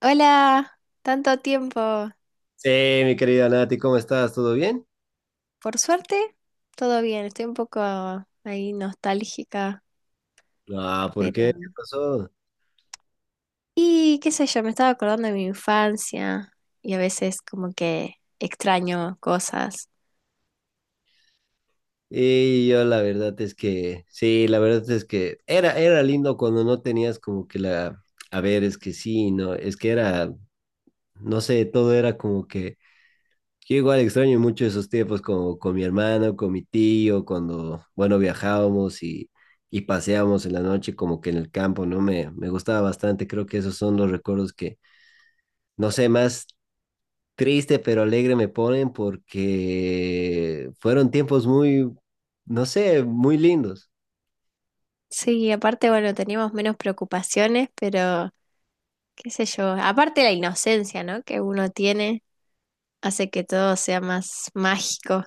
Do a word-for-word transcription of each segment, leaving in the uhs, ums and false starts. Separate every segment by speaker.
Speaker 1: Hola, tanto tiempo.
Speaker 2: Sí, mi querida Nati, ¿cómo estás? ¿Todo bien?
Speaker 1: Por suerte, todo bien. Estoy un poco ahí nostálgica,
Speaker 2: Ah, ¿por qué? ¿Qué
Speaker 1: pero...
Speaker 2: pasó?
Speaker 1: Y qué sé yo, me estaba acordando de mi infancia y a veces como que extraño cosas.
Speaker 2: Y yo la verdad es que, sí, la verdad es que era, era lindo cuando no tenías como que la, a ver, es que sí, no, es que era, no sé, todo era como que, yo igual extraño mucho esos tiempos como con mi hermano, con mi tío, cuando, bueno, viajábamos y, y paseábamos en la noche como que en el campo, ¿no? Me, me gustaba bastante, creo que esos son los recuerdos que, no sé, más triste pero alegre me ponen porque fueron tiempos muy, no sé, muy lindos.
Speaker 1: Sí, aparte, bueno, teníamos menos preocupaciones, pero qué sé yo. Aparte la inocencia, ¿no? Que uno tiene hace que todo sea más mágico.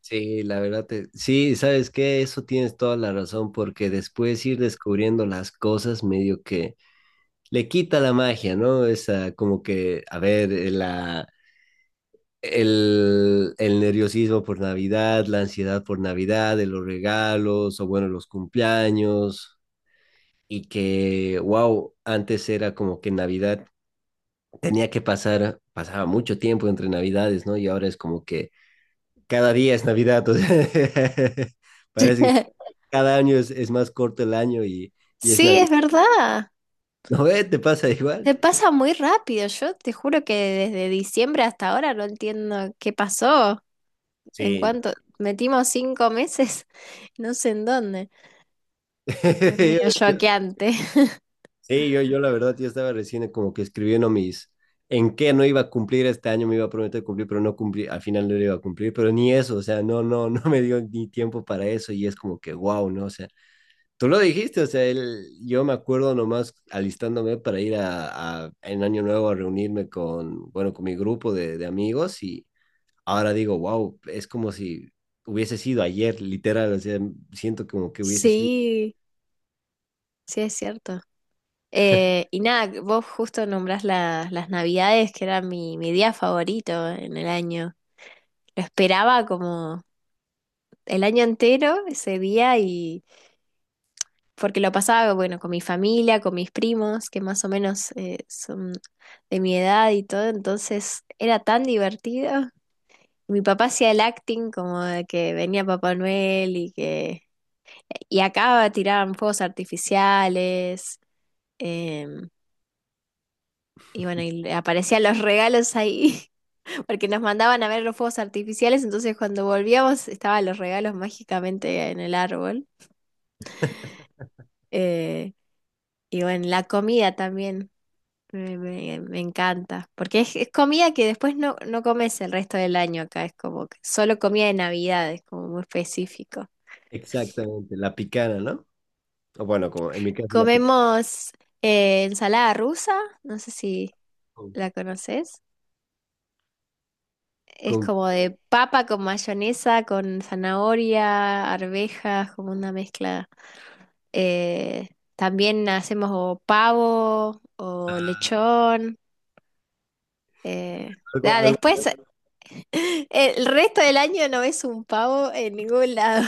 Speaker 2: Sí, la verdad, te- sí, ¿sabes qué? Eso tienes toda la razón porque después ir descubriendo las cosas medio que le quita la magia, ¿no? Esa como que, a ver, eh, la... El, el nerviosismo por Navidad, la ansiedad por Navidad, de los regalos o bueno, los cumpleaños y que, wow, antes era como que Navidad tenía que pasar, pasaba mucho tiempo entre Navidades, ¿no? Y ahora es como que cada día es Navidad, o sea, parece que cada año es, es más corto el año y, y es
Speaker 1: Sí,
Speaker 2: Navidad.
Speaker 1: es verdad.
Speaker 2: ¿No ve? ¿Te pasa igual?
Speaker 1: Se pasa muy rápido, yo te juro que desde diciembre hasta ahora no entiendo qué pasó, en
Speaker 2: Sí, yo,
Speaker 1: cuanto metimos cinco meses, no sé en dónde, es medio choqueante.
Speaker 2: sí, yo, yo la verdad, yo estaba recién como que escribiendo mis, en qué no iba a cumplir este año, me iba a prometer cumplir, pero no cumplí, al final no lo iba a cumplir, pero ni eso, o sea, no, no, no me dio ni tiempo para eso y es como que, wow, ¿no? O sea, tú lo dijiste, o sea, él- yo me acuerdo nomás alistándome para ir a, a- en Año Nuevo a reunirme con, bueno, con mi grupo de, de amigos y ahora digo, wow, es como si hubiese sido ayer, literal, o sea, siento como que hubiese sido
Speaker 1: Sí, sí es cierto. Eh, y nada, vos justo nombrás la- las Navidades, que era mi, mi día favorito en el año. Lo esperaba como el año entero ese día porque lo pasaba, bueno, con mi familia, con mis primos, que más o menos eh, son de mi edad y todo, entonces era tan divertido. Mi papá hacía el acting como de que venía Papá Noel y que... Y acá tiraban fuegos artificiales, em, y bueno, y aparecían los regalos ahí, porque nos mandaban a ver los fuegos artificiales, entonces cuando volvíamos estaban los regalos mágicamente en el árbol. eh, y bueno, la comida también. Me, me- me encanta, porque es, es comida que después no, no comes el resto del año acá, es como que solo comida de Navidad, es como muy específico.
Speaker 2: exactamente la picana, ¿no? O bueno, como en mi caso la picana
Speaker 1: Comemos eh, ensalada rusa, no sé si
Speaker 2: con,
Speaker 1: la conoces, es
Speaker 2: con,
Speaker 1: como de papa con mayonesa, con zanahoria, arvejas, como una mezcla. Eh, también hacemos o pavo o
Speaker 2: ah,
Speaker 1: lechón. eh,
Speaker 2: algo,
Speaker 1: Ah,
Speaker 2: algo,
Speaker 1: después El resto del año no ves un pavo en ningún lado.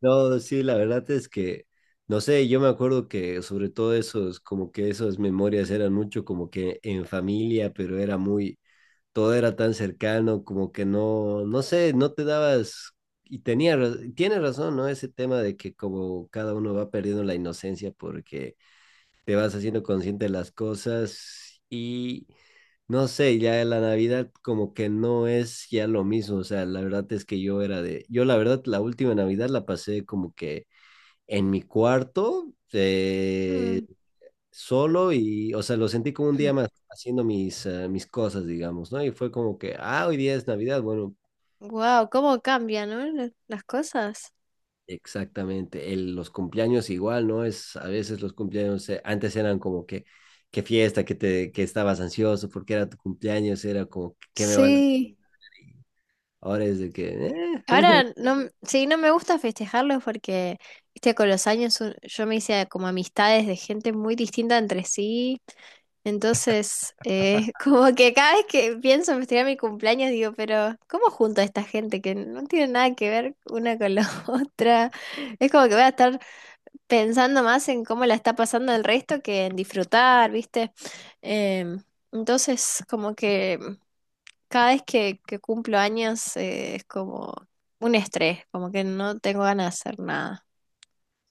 Speaker 2: no, sí, la verdad es que, no sé, yo me acuerdo que sobre todo esos, como que esas memorias eran mucho como que en familia, pero era muy todo era tan cercano, como que no, no sé, no te dabas, y tenía, ra- tiene razón, ¿no? Ese tema de que como cada uno va perdiendo la inocencia porque te vas haciendo consciente de las cosas y no sé, ya la Navidad como que no es ya lo mismo, o sea, la verdad es que yo era de, yo la verdad la última Navidad la pasé como que en mi cuarto, eh, solo y, o sea, lo sentí como un día más haciendo mis, eh, mis cosas, digamos, ¿no? Y fue como que, ah, hoy día es Navidad, bueno,
Speaker 1: Wow, cómo cambian, ¿no? la- Las cosas.
Speaker 2: exactamente, el, los cumpleaños igual, ¿no? Es, a veces los cumpleaños eh, antes eran como que, qué fiesta, que te, que estabas ansioso porque era tu cumpleaños, era como, ¿qué me van a...?
Speaker 1: Sí.
Speaker 2: Ahora es de que, eh,
Speaker 1: Ahora no, m- sí, no me gusta festejarlos porque, viste, con los años un- yo me hice como amistades de gente muy distinta entre sí. Entonces, eh, como que cada vez que pienso en festejar mi cumpleaños, digo, pero ¿cómo junto a esta gente que no tiene nada que ver una con la otra? Es como que voy a estar pensando más en cómo la está pasando el resto que en disfrutar, ¿viste? Em, entonces, como que cada vez que, que cumplo años eh, es como un estrés, como que no tengo ganas de hacer nada.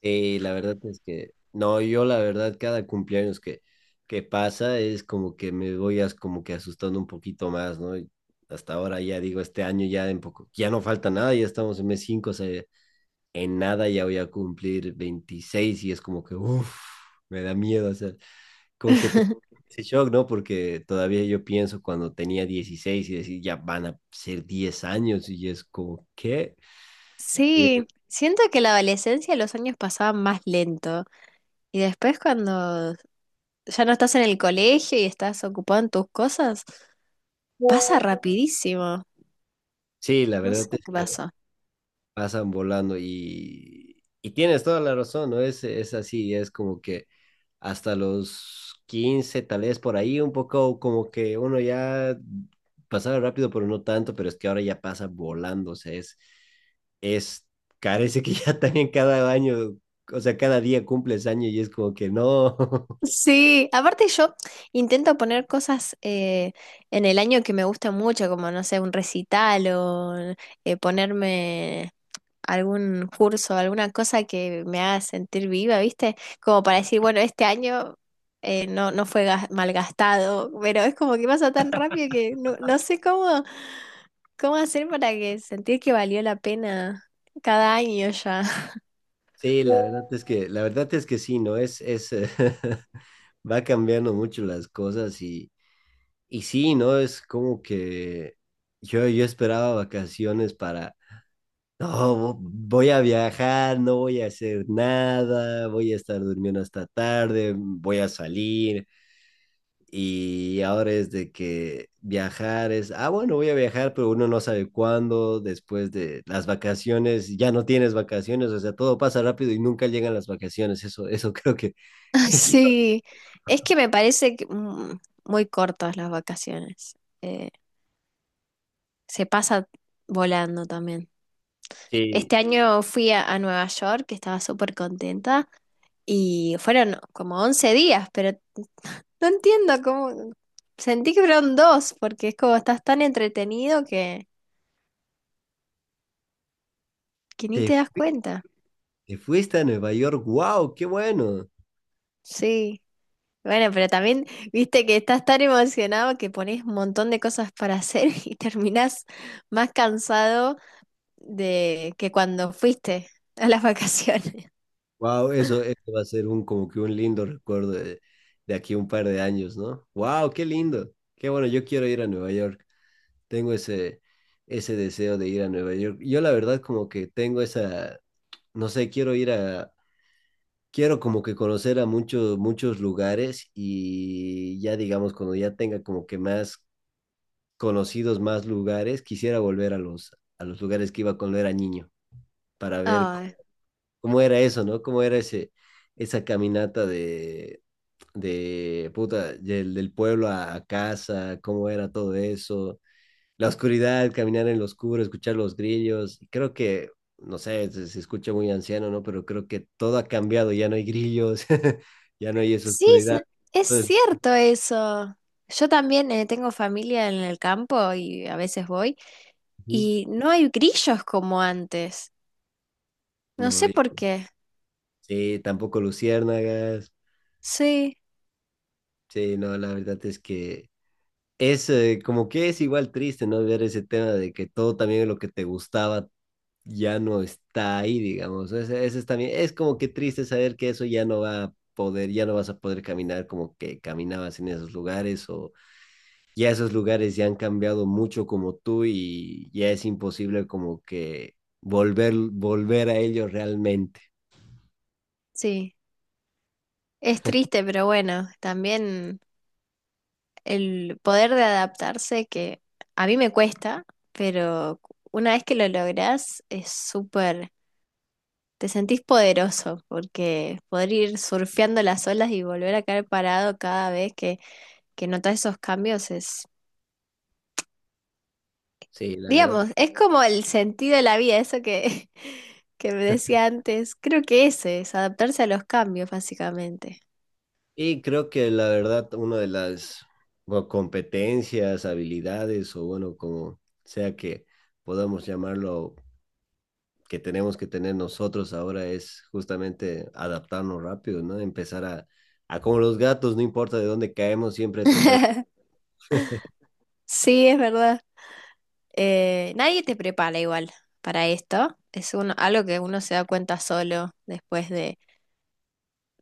Speaker 2: sí, la verdad es que no, yo la verdad cada cumpleaños que, que pasa es como que me voy as- como que asustando un poquito más, ¿no? Y hasta ahora ya digo, este año ya en poco, ya no falta nada, ya estamos en mes cinco o sea, en nada ya voy a cumplir veintiséis y es como que, uff, me da miedo, o sea, como que te- ese shock, ¿no? Porque todavía yo pienso cuando tenía dieciséis y decir, ya van a ser diez años y es como, ¿qué? Eh,
Speaker 1: Sí, siento que la adolescencia los años pasaban más lento y después cuando ya no estás en el colegio y estás ocupado en tus cosas, pasa rapidísimo.
Speaker 2: Sí, la
Speaker 1: No sé
Speaker 2: verdad
Speaker 1: qué pasó.
Speaker 2: pasan volando y, y tienes toda la razón, ¿no? Es, es así, es como que hasta los quince tal vez por ahí, un poco como que uno ya pasaba rápido, pero no tanto, pero es que ahora ya pasa volando, o sea, es, es, parece que ya también cada año, o sea, cada día cumples año y es como que no.
Speaker 1: Sí, aparte yo intento poner cosas eh, en el año que me gustan mucho, como no sé, un recital o eh, ponerme algún curso, alguna cosa que me haga sentir viva, ¿viste? Como para decir, bueno, este año eh, no, no fue gas- malgastado, pero es como que pasa tan rápido que no, no sé cómo, cómo hacer para que sentir que valió la pena cada año ya.
Speaker 2: Sí, la verdad es que, la verdad es que sí, ¿no? Es, es, eh, va cambiando mucho las cosas y Y sí, ¿no? Es como que yo, yo esperaba vacaciones para, no, vo- voy a viajar, no voy a hacer nada, voy a estar durmiendo hasta tarde, mm, voy a salir. Y ahora es de que viajar es, ah, bueno, voy a viajar, pero uno no sabe cuándo, después de las vacaciones, ya no tienes vacaciones, o sea, todo pasa rápido y nunca llegan las vacaciones. Eso, eso creo que...
Speaker 1: Sí, es que me parece que, mm, muy cortas las vacaciones. Eh, se pasa volando también.
Speaker 2: Sí.
Speaker 1: Este año fui a, a Nueva York, que estaba súper contenta, y fueron como once días, pero no entiendo cómo... Sentí que fueron dos, porque es como estás tan entretenido que, que ni
Speaker 2: Te,
Speaker 1: te das cuenta.
Speaker 2: te fuiste a Nueva York, wow, qué bueno.
Speaker 1: Sí, bueno, pero también viste que estás tan emocionado que pones un montón de cosas para hacer y terminás más cansado de que cuando fuiste a las vacaciones.
Speaker 2: Wow, eso, eso va a ser un como que un lindo recuerdo de, de aquí un par de años, ¿no? Wow, qué lindo. Qué bueno, yo quiero ir a Nueva York. Tengo ese, ese deseo de ir a Nueva York. Yo la verdad como que tengo esa, no sé, quiero ir a, quiero como que conocer a muchos, muchos lugares y ya digamos, cuando ya tenga como que más conocidos, más lugares, quisiera volver a los, a los lugares que iba cuando era niño para ver
Speaker 1: Ay,
Speaker 2: ¿cómo era eso, no? ¿Cómo era ese, esa caminata de, de puta, del, del pueblo a, a casa? ¿Cómo era todo eso? La oscuridad, caminar en lo oscuro, escuchar los grillos. Creo que, no sé, se, se escucha muy anciano, ¿no? Pero creo que todo ha cambiado, ya no hay grillos, ya no hay esa
Speaker 1: sí,
Speaker 2: oscuridad.
Speaker 1: se- es
Speaker 2: Entonces,
Speaker 1: cierto eso. Yo también eh, tengo familia en el campo y a veces voy
Speaker 2: ujú,
Speaker 1: y no hay grillos como antes. No
Speaker 2: no,
Speaker 1: sé
Speaker 2: y-
Speaker 1: por qué.
Speaker 2: sí, tampoco luciérnagas.
Speaker 1: Sí,
Speaker 2: Sí, no, la verdad es que... Es eh, como que es igual triste, ¿no? Ver ese tema de que todo también lo que te gustaba ya no está ahí, digamos. Ese, ese es también, es como que triste saber que eso ya no va a poder, ya no vas a poder caminar como que caminabas en esos lugares o ya esos lugares ya han cambiado mucho como tú y ya es imposible como que volver, volver a ellos realmente.
Speaker 1: sí. Es triste, pero bueno, también el poder de adaptarse que a mí me cuesta, pero una vez que lo lográs es súper Te sentís poderoso porque poder ir surfeando las olas y volver a caer parado cada vez que, que notas esos cambios es,
Speaker 2: Sí, la verdad.
Speaker 1: digamos, es como el sentido de la vida, eso que, que me decía antes. Creo que ese es adaptarse a los cambios, básicamente.
Speaker 2: Y creo que la verdad, una de las bueno, competencias, habilidades o bueno, como sea que podamos llamarlo que tenemos que tener nosotros ahora es justamente adaptarnos rápido, ¿no? Empezar a, a como los gatos, no importa de dónde caemos, siempre tratar de...
Speaker 1: Sí, es verdad. Eh, nadie te prepara igual para esto. Es uno- algo que uno se da cuenta solo después de,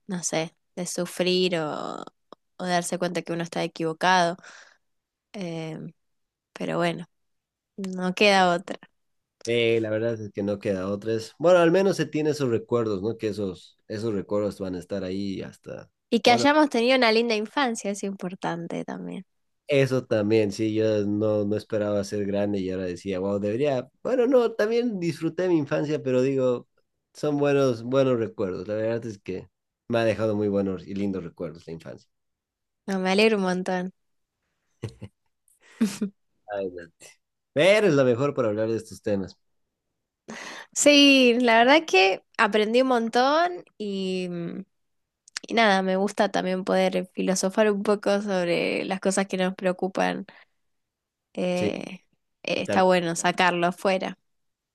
Speaker 1: no sé, de sufrir o, o darse cuenta que uno está equivocado. Eh, pero bueno, no queda otra.
Speaker 2: Eh, la verdad es que no queda otra. Es, bueno, al menos se tiene esos recuerdos, ¿no? Que esos, esos recuerdos van a estar ahí hasta...
Speaker 1: Y que
Speaker 2: Bueno,
Speaker 1: hayamos tenido una linda infancia es importante también.
Speaker 2: eso también, sí, yo no, no esperaba ser grande y ahora decía, wow, debería... Bueno, no, también disfruté mi infancia, pero digo, son buenos, buenos recuerdos. La verdad es que me ha dejado muy buenos y lindos recuerdos la infancia.
Speaker 1: No, me alegro un montón.
Speaker 2: Ay, no. Pero es lo mejor para hablar de estos temas.
Speaker 1: Sí, la verdad que aprendí un montón y, y nada, me gusta también poder filosofar un poco sobre las cosas que nos preocupan.
Speaker 2: Sí,
Speaker 1: Eh, eh,
Speaker 2: y tam-
Speaker 1: está bueno sacarlo afuera.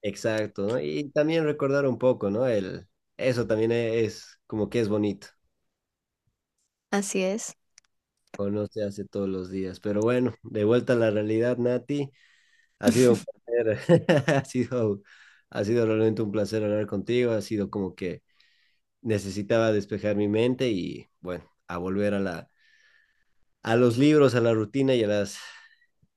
Speaker 2: exacto, ¿no? Y también recordar un poco, ¿no? El, eso también e, es como que es bonito,
Speaker 1: Así es.
Speaker 2: o no se hace todos los días. Pero bueno, de vuelta a la realidad, Nati, ha sido un placer, ha sido, ha sido realmente un placer hablar contigo, ha sido como que necesitaba despejar mi mente y bueno, a volver a la, a los libros, a la rutina y a las,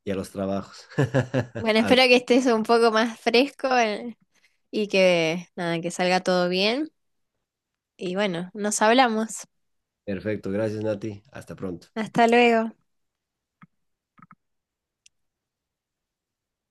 Speaker 2: y a los trabajos.
Speaker 1: Bueno,
Speaker 2: Al-
Speaker 1: espero que estés un poco más fresco eh, y que nada, que salga todo bien. Y bueno, nos hablamos.
Speaker 2: perfecto, gracias, Nati, hasta pronto.
Speaker 1: Hasta luego.